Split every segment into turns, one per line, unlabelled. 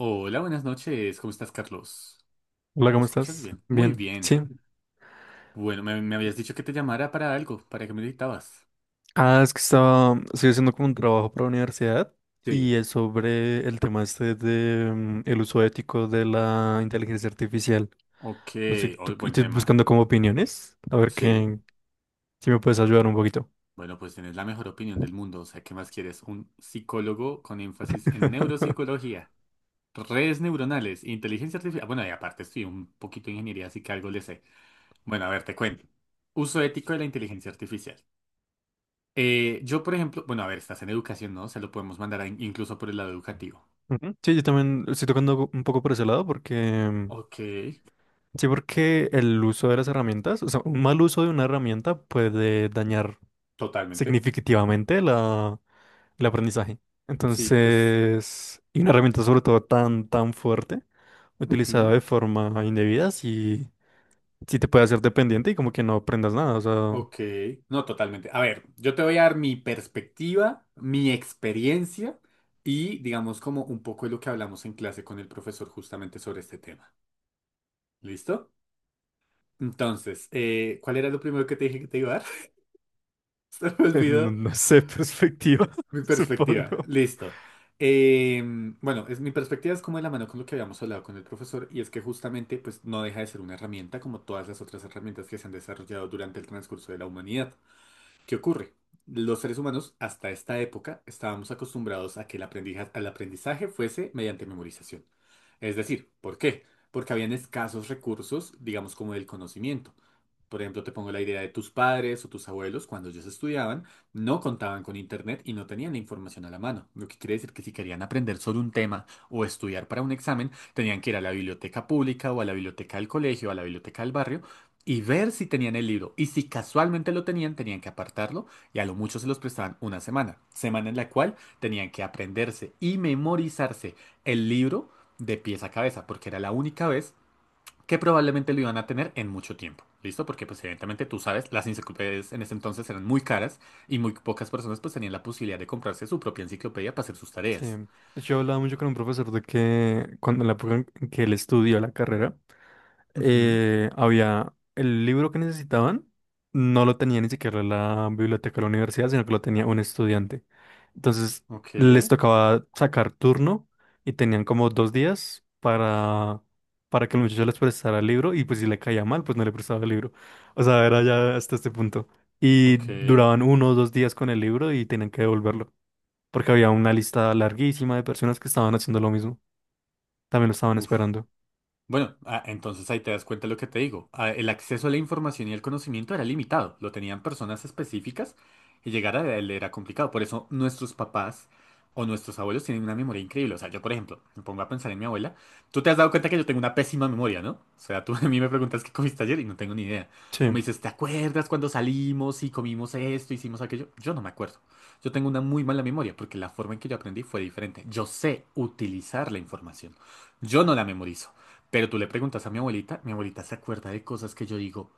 Hola, buenas noches. ¿Cómo estás, Carlos?
Hola,
¿Me
¿cómo
escuchas
estás?
bien? Muy
Bien,
bien.
sí.
Bueno, me habías dicho que te llamara para algo, para que me necesitabas.
Ah, es que estoy haciendo como un trabajo para la universidad y
Sí.
es sobre el tema este de el uso ético de la inteligencia artificial.
Ok,
No sé,
hoy
y
buen
estoy
tema.
buscando como opiniones, a ver
Sí.
qué, si me puedes ayudar un poquito.
Bueno, pues tienes la mejor opinión del mundo. O sea, ¿qué más quieres? Un psicólogo con énfasis en neuropsicología, redes neuronales, inteligencia artificial. Bueno, y aparte estudié un poquito de ingeniería, así que algo le sé. Bueno, a ver, te cuento. Uso ético de la inteligencia artificial. Yo, por ejemplo, bueno, a ver, estás en educación, ¿no? Se lo podemos mandar a- incluso por el lado educativo.
Ujú. Sí, yo también estoy tocando un poco por ese lado porque...
Ok,
Sí, porque el uso de las herramientas, o sea, un mal uso de una herramienta puede dañar
totalmente.
significativamente el aprendizaje.
Sí, pues.
Entonces, y una herramienta sobre todo tan fuerte, utilizada
Ujú.
de forma indebida, sí, sí te puede hacer dependiente y como que no aprendas nada, o sea,
Ok, no, totalmente. A ver, yo te voy a dar mi perspectiva, mi experiencia y digamos como un poco de lo que hablamos en clase con el profesor justamente sobre este tema. ¿Listo? Entonces, ¿cuál era lo primero que te dije que te iba a dar? Se me
no,
olvidó.
no sé, perspectiva,
Mi perspectiva,
supongo.
listo. Eh, bueno, mi perspectiva es como de la mano con lo que habíamos hablado con el profesor y es que justamente pues no deja de ser una herramienta como todas las otras herramientas que se han desarrollado durante el transcurso de la humanidad. ¿Qué ocurre? Los seres humanos hasta esta época estábamos acostumbrados a que el al aprendizaje fuese mediante memorización. Es decir, ¿por qué? Porque habían escasos recursos, digamos, como del conocimiento. Por ejemplo, te pongo la idea de tus padres o tus abuelos, cuando ellos estudiaban, no contaban con internet y no tenían la información a la mano. Lo que quiere decir que si querían aprender sobre un tema o estudiar para un examen, tenían que ir a la biblioteca pública o a la biblioteca del colegio, a la biblioteca del barrio y ver si tenían el libro. Y si casualmente lo tenían, tenían que apartarlo y a lo mucho se los prestaban una semana. Semana en la cual tenían que aprenderse y memorizarse el libro de pies a cabeza, porque era la única vez que probablemente lo iban a tener en mucho tiempo. ¿Listo? Porque pues evidentemente tú sabes, las enciclopedias en ese entonces eran muy caras y muy pocas personas pues tenían la posibilidad de comprarse su propia enciclopedia para hacer sus
Sí.
tareas.
De hecho, yo hablaba mucho con un profesor de que cuando en la época en que él estudió la carrera,
Ujú.
había el libro que necesitaban, no lo tenía ni siquiera la biblioteca de la universidad, sino que lo tenía un estudiante. Entonces,
Ok,
les tocaba sacar turno y tenían como dos días para que el muchacho les prestara el libro y pues si le caía mal, pues no le prestaba el libro. O sea, era ya hasta este punto. Y
ok.
duraban uno o dos días con el libro y tenían que devolverlo porque había una lista larguísima de personas que estaban haciendo lo mismo, también lo estaban
Uf.
esperando.
Bueno, ah, entonces ahí te das cuenta de lo que te digo. Ah, el acceso a la información y el conocimiento era limitado, lo tenían personas específicas y llegar a él era complicado. Por eso nuestros papás o nuestros abuelos tienen una memoria increíble. O sea, yo, por ejemplo, me pongo a pensar en mi abuela. Tú te has dado cuenta que yo tengo una pésima memoria, ¿no? O sea, tú a mí me preguntas qué comiste ayer y no tengo ni idea.
Sí.
O me dices, ¿te acuerdas cuando salimos y comimos esto, hicimos aquello? Yo no me acuerdo. Yo tengo una muy mala memoria porque la forma en que yo aprendí fue diferente. Yo sé utilizar la información. Yo no la memorizo. Pero tú le preguntas a mi abuelita se acuerda de cosas que yo digo,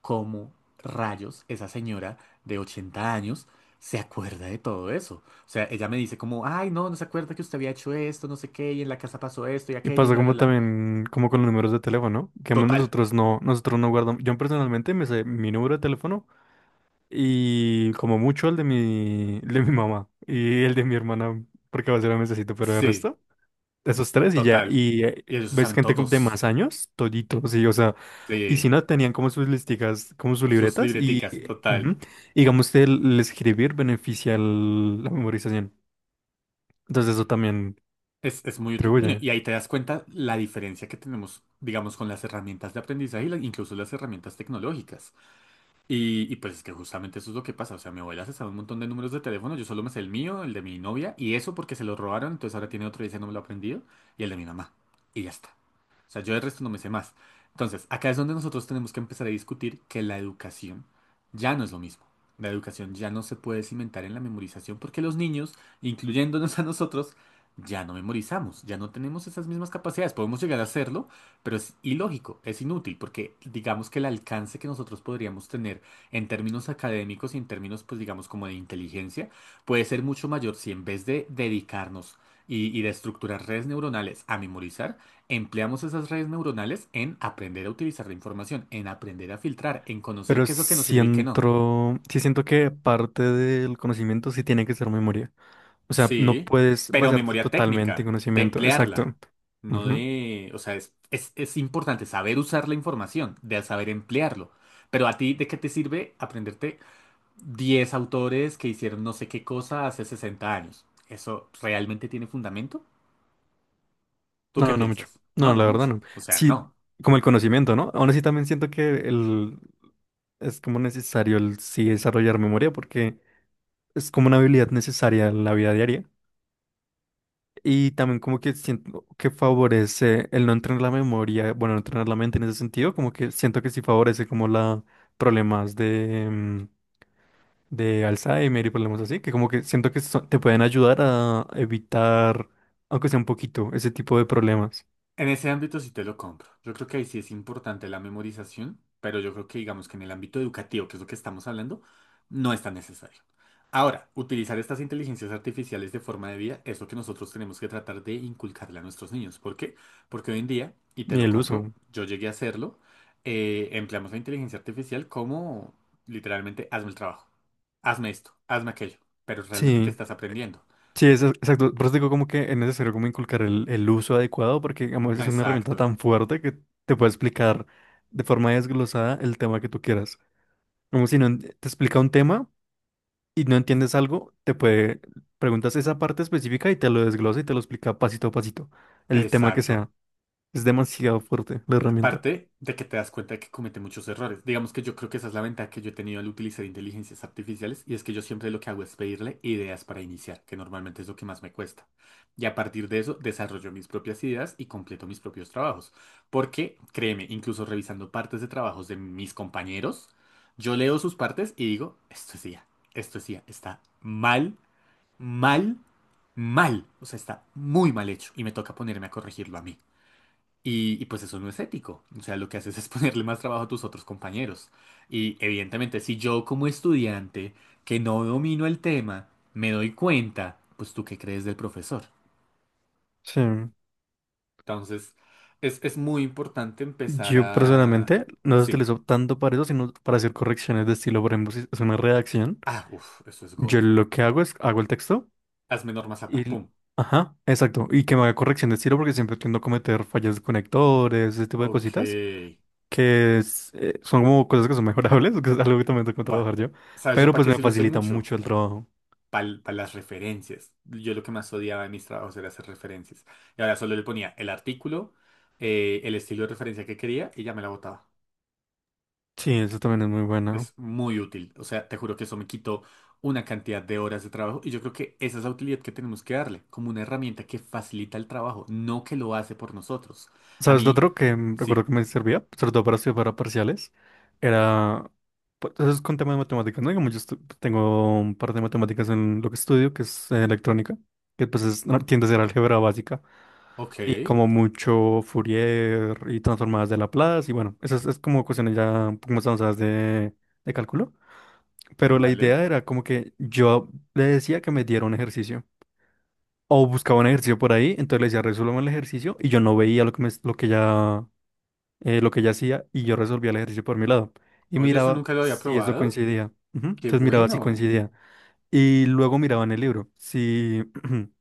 ¿cómo rayos esa señora de 80 años se acuerda de todo eso? O sea, ella me dice como, ay, no, no se acuerda que usted había hecho esto, no sé qué, y en la casa pasó esto y
Y
aquello y
pasa
bla, bla,
como
bla.
también, como con los números de teléfono, que
Total,
nosotros no guardamos, yo personalmente me sé mi número de teléfono y como mucho el de el de mi mamá y el de mi hermana, porque a veces lo necesito, pero el
sí,
resto. Esos tres y ya,
total.
y
Y ellos lo
ves
saben
gente de más
todos.
años, toditos, sí, o sea, y si
Sí,
no, tenían como sus listicas, como sus
sus
libretas, y
libreticas, total.
ujú, digamos que el escribir beneficia la memorización, entonces eso también
Es muy útil. Bueno,
contribuye,
y ahí te das cuenta la diferencia que tenemos, digamos, con las herramientas de aprendizaje y incluso las herramientas tecnológicas. Y pues es que justamente eso es lo que pasa. O sea, mi abuela se sabe un montón de números de teléfono. Yo solo me sé el mío, el de mi novia, y eso porque se lo robaron. Entonces ahora tiene otro y ese no me lo ha aprendido. Y el de mi mamá. Y ya está. O sea, yo el resto no me sé más. Entonces, acá es donde nosotros tenemos que empezar a discutir que la educación ya no es lo mismo. La educación ya no se puede cimentar en la memorización porque los niños, incluyéndonos a nosotros, ya no memorizamos, ya no tenemos esas mismas capacidades. Podemos llegar a hacerlo, pero es ilógico, es inútil, porque digamos que el alcance que nosotros podríamos tener en términos académicos y en términos, pues digamos, como de inteligencia, puede ser mucho mayor si en vez de dedicarnos y de estructurar redes neuronales a memorizar, empleamos esas redes neuronales en aprender a utilizar la información, en aprender a filtrar, en conocer
pero
qué es lo que nos sirve y qué no.
siento, sí siento que parte del conocimiento sí tiene que ser memoria, o sea, no
Sí,
puedes
pero
basarte
memoria
totalmente en
técnica, de
conocimiento, exacto.
emplearla, no
Ujú.
de, o sea, es importante saber usar la información, de saber emplearlo. Pero a ti, ¿de qué te sirve aprenderte 10 autores que hicieron no sé qué cosa hace 60 años? ¿Eso realmente tiene fundamento? ¿Tú qué
No, no mucho.
piensas? No,
No,
no
la verdad no.
mucho. O sea,
Sí,
no.
como el conocimiento, ¿no? Aún así también siento que el es como necesario el sí desarrollar memoria porque es como una habilidad necesaria en la vida diaria. Y también como que siento que favorece el no entrenar la memoria, bueno, no entrenar la mente en ese sentido, como que siento que sí favorece como la problemas de, de Alzheimer y problemas así, que como que siento que te pueden ayudar a evitar, aunque sea un poquito, ese tipo de problemas
En ese ámbito sí te lo compro. Yo creo que ahí sí es importante la memorización, pero yo creo que digamos que en el ámbito educativo, que es lo que estamos hablando, no es tan necesario. Ahora, utilizar estas inteligencias artificiales de forma de vida es lo que nosotros tenemos que tratar de inculcarle a nuestros niños. ¿Por qué? Porque hoy en día, y te
y
lo
el uso.
compro, yo llegué a hacerlo, empleamos la inteligencia artificial como literalmente hazme el trabajo, hazme esto, hazme aquello, pero realmente ¿qué
Sí,
estás aprendiendo?
sí, eso, exacto. Por eso digo como que es necesario como inculcar el uso adecuado porque digamos, es una herramienta
Exacto,
tan fuerte que te puede explicar de forma desglosada el tema que tú quieras. Como si no te explica un tema y no entiendes algo, te puede, preguntas esa parte específica y te lo desglosa y te lo explica pasito a pasito, el tema que sea.
exacto.
Es demasiado fuerte la herramienta.
Parte de que te das cuenta de que comete muchos errores. Digamos que yo creo que esa es la ventaja que yo he tenido al utilizar inteligencias artificiales y es que yo siempre lo que hago es pedirle ideas para iniciar, que normalmente es lo que más me cuesta. Y a partir de eso desarrollo mis propias ideas y completo mis propios trabajos. Porque, créeme, incluso revisando partes de trabajos de mis compañeros, yo leo sus partes y digo, esto es IA, esto es IA, está mal, mal, mal. O sea, está muy mal hecho y me toca ponerme a corregirlo a mí. Y pues eso no es ético. O sea, lo que haces es ponerle más trabajo a tus otros compañeros. Y evidentemente, si yo como estudiante que no domino el tema, me doy cuenta, pues tú qué crees del profesor.
Sí.
Entonces, es muy importante empezar
Yo
a...
personalmente no lo
Sí.
utilizo tanto para eso, sino para hacer correcciones de estilo. Por ejemplo, si es una redacción,
Ah, uff, eso es God.
yo lo que hago es hago el texto.
Hazme norma zapa.
Y,
Pum.
ajá, exacto. Y que me haga corrección de estilo porque siempre tiendo a cometer fallas de conectores, ese tipo de cositas,
Ok.
que es, son como cosas que son mejorables, que es algo que también tengo que
Buah.
trabajar yo,
¿Sabes yo
pero
para
pues
qué
me
se luce
facilita
mucho?
mucho el trabajo.
Para las referencias. Yo lo que más odiaba de mis trabajos era hacer referencias. Y ahora solo le ponía el artículo, el estilo de referencia que quería y ya me la botaba.
Sí, eso también es muy bueno.
Es muy útil. O sea, te juro que eso me quitó una cantidad de horas de trabajo y yo creo que esa es la utilidad que tenemos que darle, como una herramienta que facilita el trabajo, no que lo hace por nosotros. A
¿Sabes? Lo
mí,
otro que recuerdo
sí.
que me servía, sobre todo para estudiar para parciales, era... pues, eso es con tema de matemáticas, ¿no? Digamos, tengo un par de matemáticas en lo que estudio, que es electrónica, que pues es, no, tiende a ser álgebra básica.
Ok,
Y como mucho Fourier y transformadas de Laplace, y bueno, eso es como cuestiones ya un poco más avanzadas de cálculo. Pero la
vale.
idea era como que yo le decía que me diera un ejercicio, o buscaba un ejercicio por ahí, entonces le decía, resuélveme el ejercicio, y yo no veía lo que, me, lo que ya, lo que ella hacía, y yo resolvía el ejercicio por mi lado. Y
Oye, eso
miraba
nunca lo había
si eso
probado.
coincidía. Ujú.
Qué
Entonces miraba si
bueno.
coincidía. Y luego miraba en el libro, si...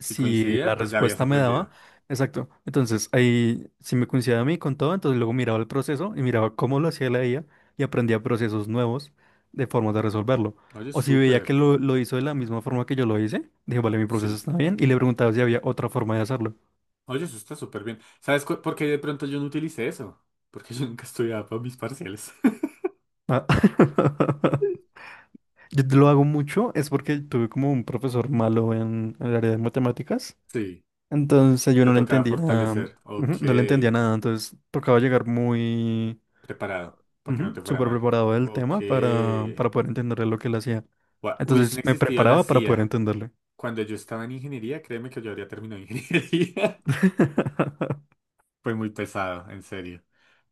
Si
la
coincidía, pues ya habías
respuesta me daba.
aprendido.
Exacto. Entonces, ahí, si me coincidía a mí con todo, entonces luego miraba el proceso y miraba cómo lo hacía la IA y aprendía procesos nuevos de formas de resolverlo.
Oye,
O si veía que
súper.
lo hizo de la misma forma que yo lo hice, dije, vale, mi proceso
Sí.
está bien, y le preguntaba si había otra forma de hacerlo.
Oye, eso está súper bien. ¿Sabes cu- por qué de pronto yo no utilicé eso? Porque yo nunca estudiaba para mis parciales.
Ah, yo lo hago mucho, es porque tuve como un profesor malo en el área de matemáticas.
Sí,
Entonces yo
te
no le
tocaba
entendía,
fortalecer.
ujú,
Ok,
no le entendía nada, entonces tocaba llegar muy
preparado, para que no
ujú,
te fuera
súper
mal.
preparado del
Ok.
tema para poder entenderle lo que él hacía.
Gua- Hubiesen
Entonces me
existido la
preparaba para poder
CIA
entenderle.
cuando yo estaba en ingeniería, créeme que yo habría terminado ingeniería. Fue muy pesado, en serio.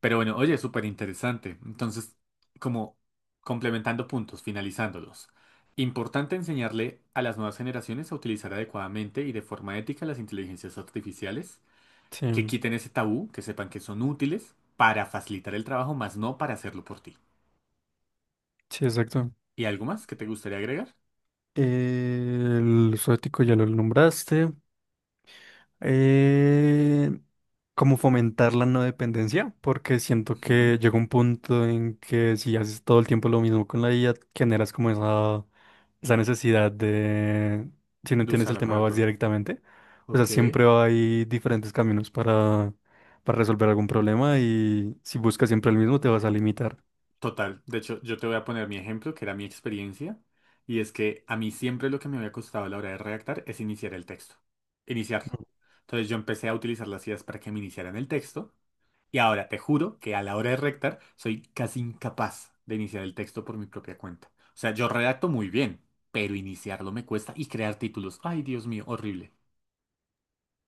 Pero bueno, oye, súper interesante. Entonces, como complementando puntos, finalizándolos. Importante enseñarle a las nuevas generaciones a utilizar adecuadamente y de forma ética las inteligencias artificiales, que
Sí,
quiten ese tabú, que sepan que son útiles para facilitar el trabajo, más no para hacerlo por ti.
sí, exacto.
¿Y algo más que te gustaría agregar?
El zoético ya lo nombraste. Eh, como fomentar la no dependencia, porque siento
Ujú,
que llega un punto en que si haces todo el tiempo lo mismo con la IA, generas como esa necesidad de, si no
de
entiendes el
usarla
tema,
para
vas
todo.
directamente. O sea,
Ok.
siempre hay diferentes caminos para resolver algún problema y si buscas siempre el mismo, te vas a limitar.
Total, de hecho, yo te voy a poner mi ejemplo, que era mi experiencia, y es que a mí siempre lo que me había costado a la hora de redactar es iniciar el texto, iniciarlo. Entonces yo empecé a utilizar las ideas para que me iniciaran el texto, y ahora te juro que a la hora de redactar soy casi incapaz de iniciar el texto por mi propia cuenta. O sea, yo redacto muy bien, pero iniciarlo me cuesta y crear títulos. Ay, Dios mío, horrible.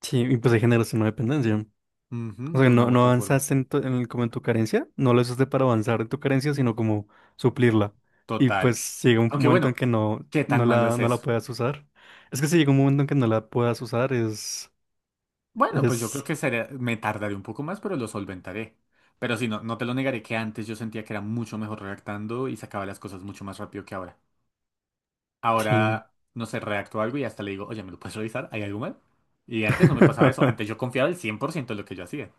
Sí, y pues ahí generas una dependencia.
Ujú,
O
de
sea,
una
no,
u
no
otra forma.
avanzaste en como en tu carencia, no lo usaste para avanzar en tu carencia, sino como suplirla. Y
Total.
pues llega un
Aunque
momento en
bueno,
que no,
¿qué
no
tan malo
la,
es
no la
eso?
puedas usar. Es que si llega un momento en que no la puedas usar,
Bueno, pues yo creo
es,
que sería- me tardaré un poco más, pero lo solventaré. Pero sí, no, no te lo negaré que antes yo sentía que era mucho mejor redactando y sacaba las cosas mucho más rápido que ahora.
sí.
Ahora, no sé, redacto algo y hasta le digo, oye, ¿me lo puedes revisar? ¿Hay algo mal? Y antes no me pasaba eso. Antes yo confiaba el 100% de lo que yo hacía.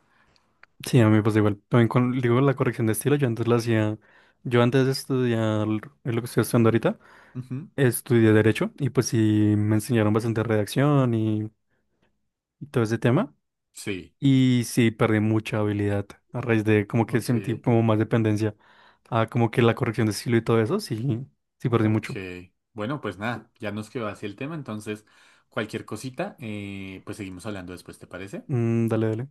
Sí, a mí me pasa igual. También con, digo, la corrección de estilo, yo antes la hacía, yo antes de estudiar lo que estoy estudiando ahorita,
Ujú.
estudié Derecho y pues sí me enseñaron bastante redacción y todo ese tema.
Sí,
Y sí, perdí mucha habilidad a raíz de como que
ok,
sentí como más dependencia a como que la corrección de estilo y todo eso. Sí, sí, perdí
ok.
mucho.
Bueno, pues nada, ya nos quedó así el tema. Entonces, cualquier cosita, pues seguimos hablando después, ¿te parece?
Mm, dale, dale.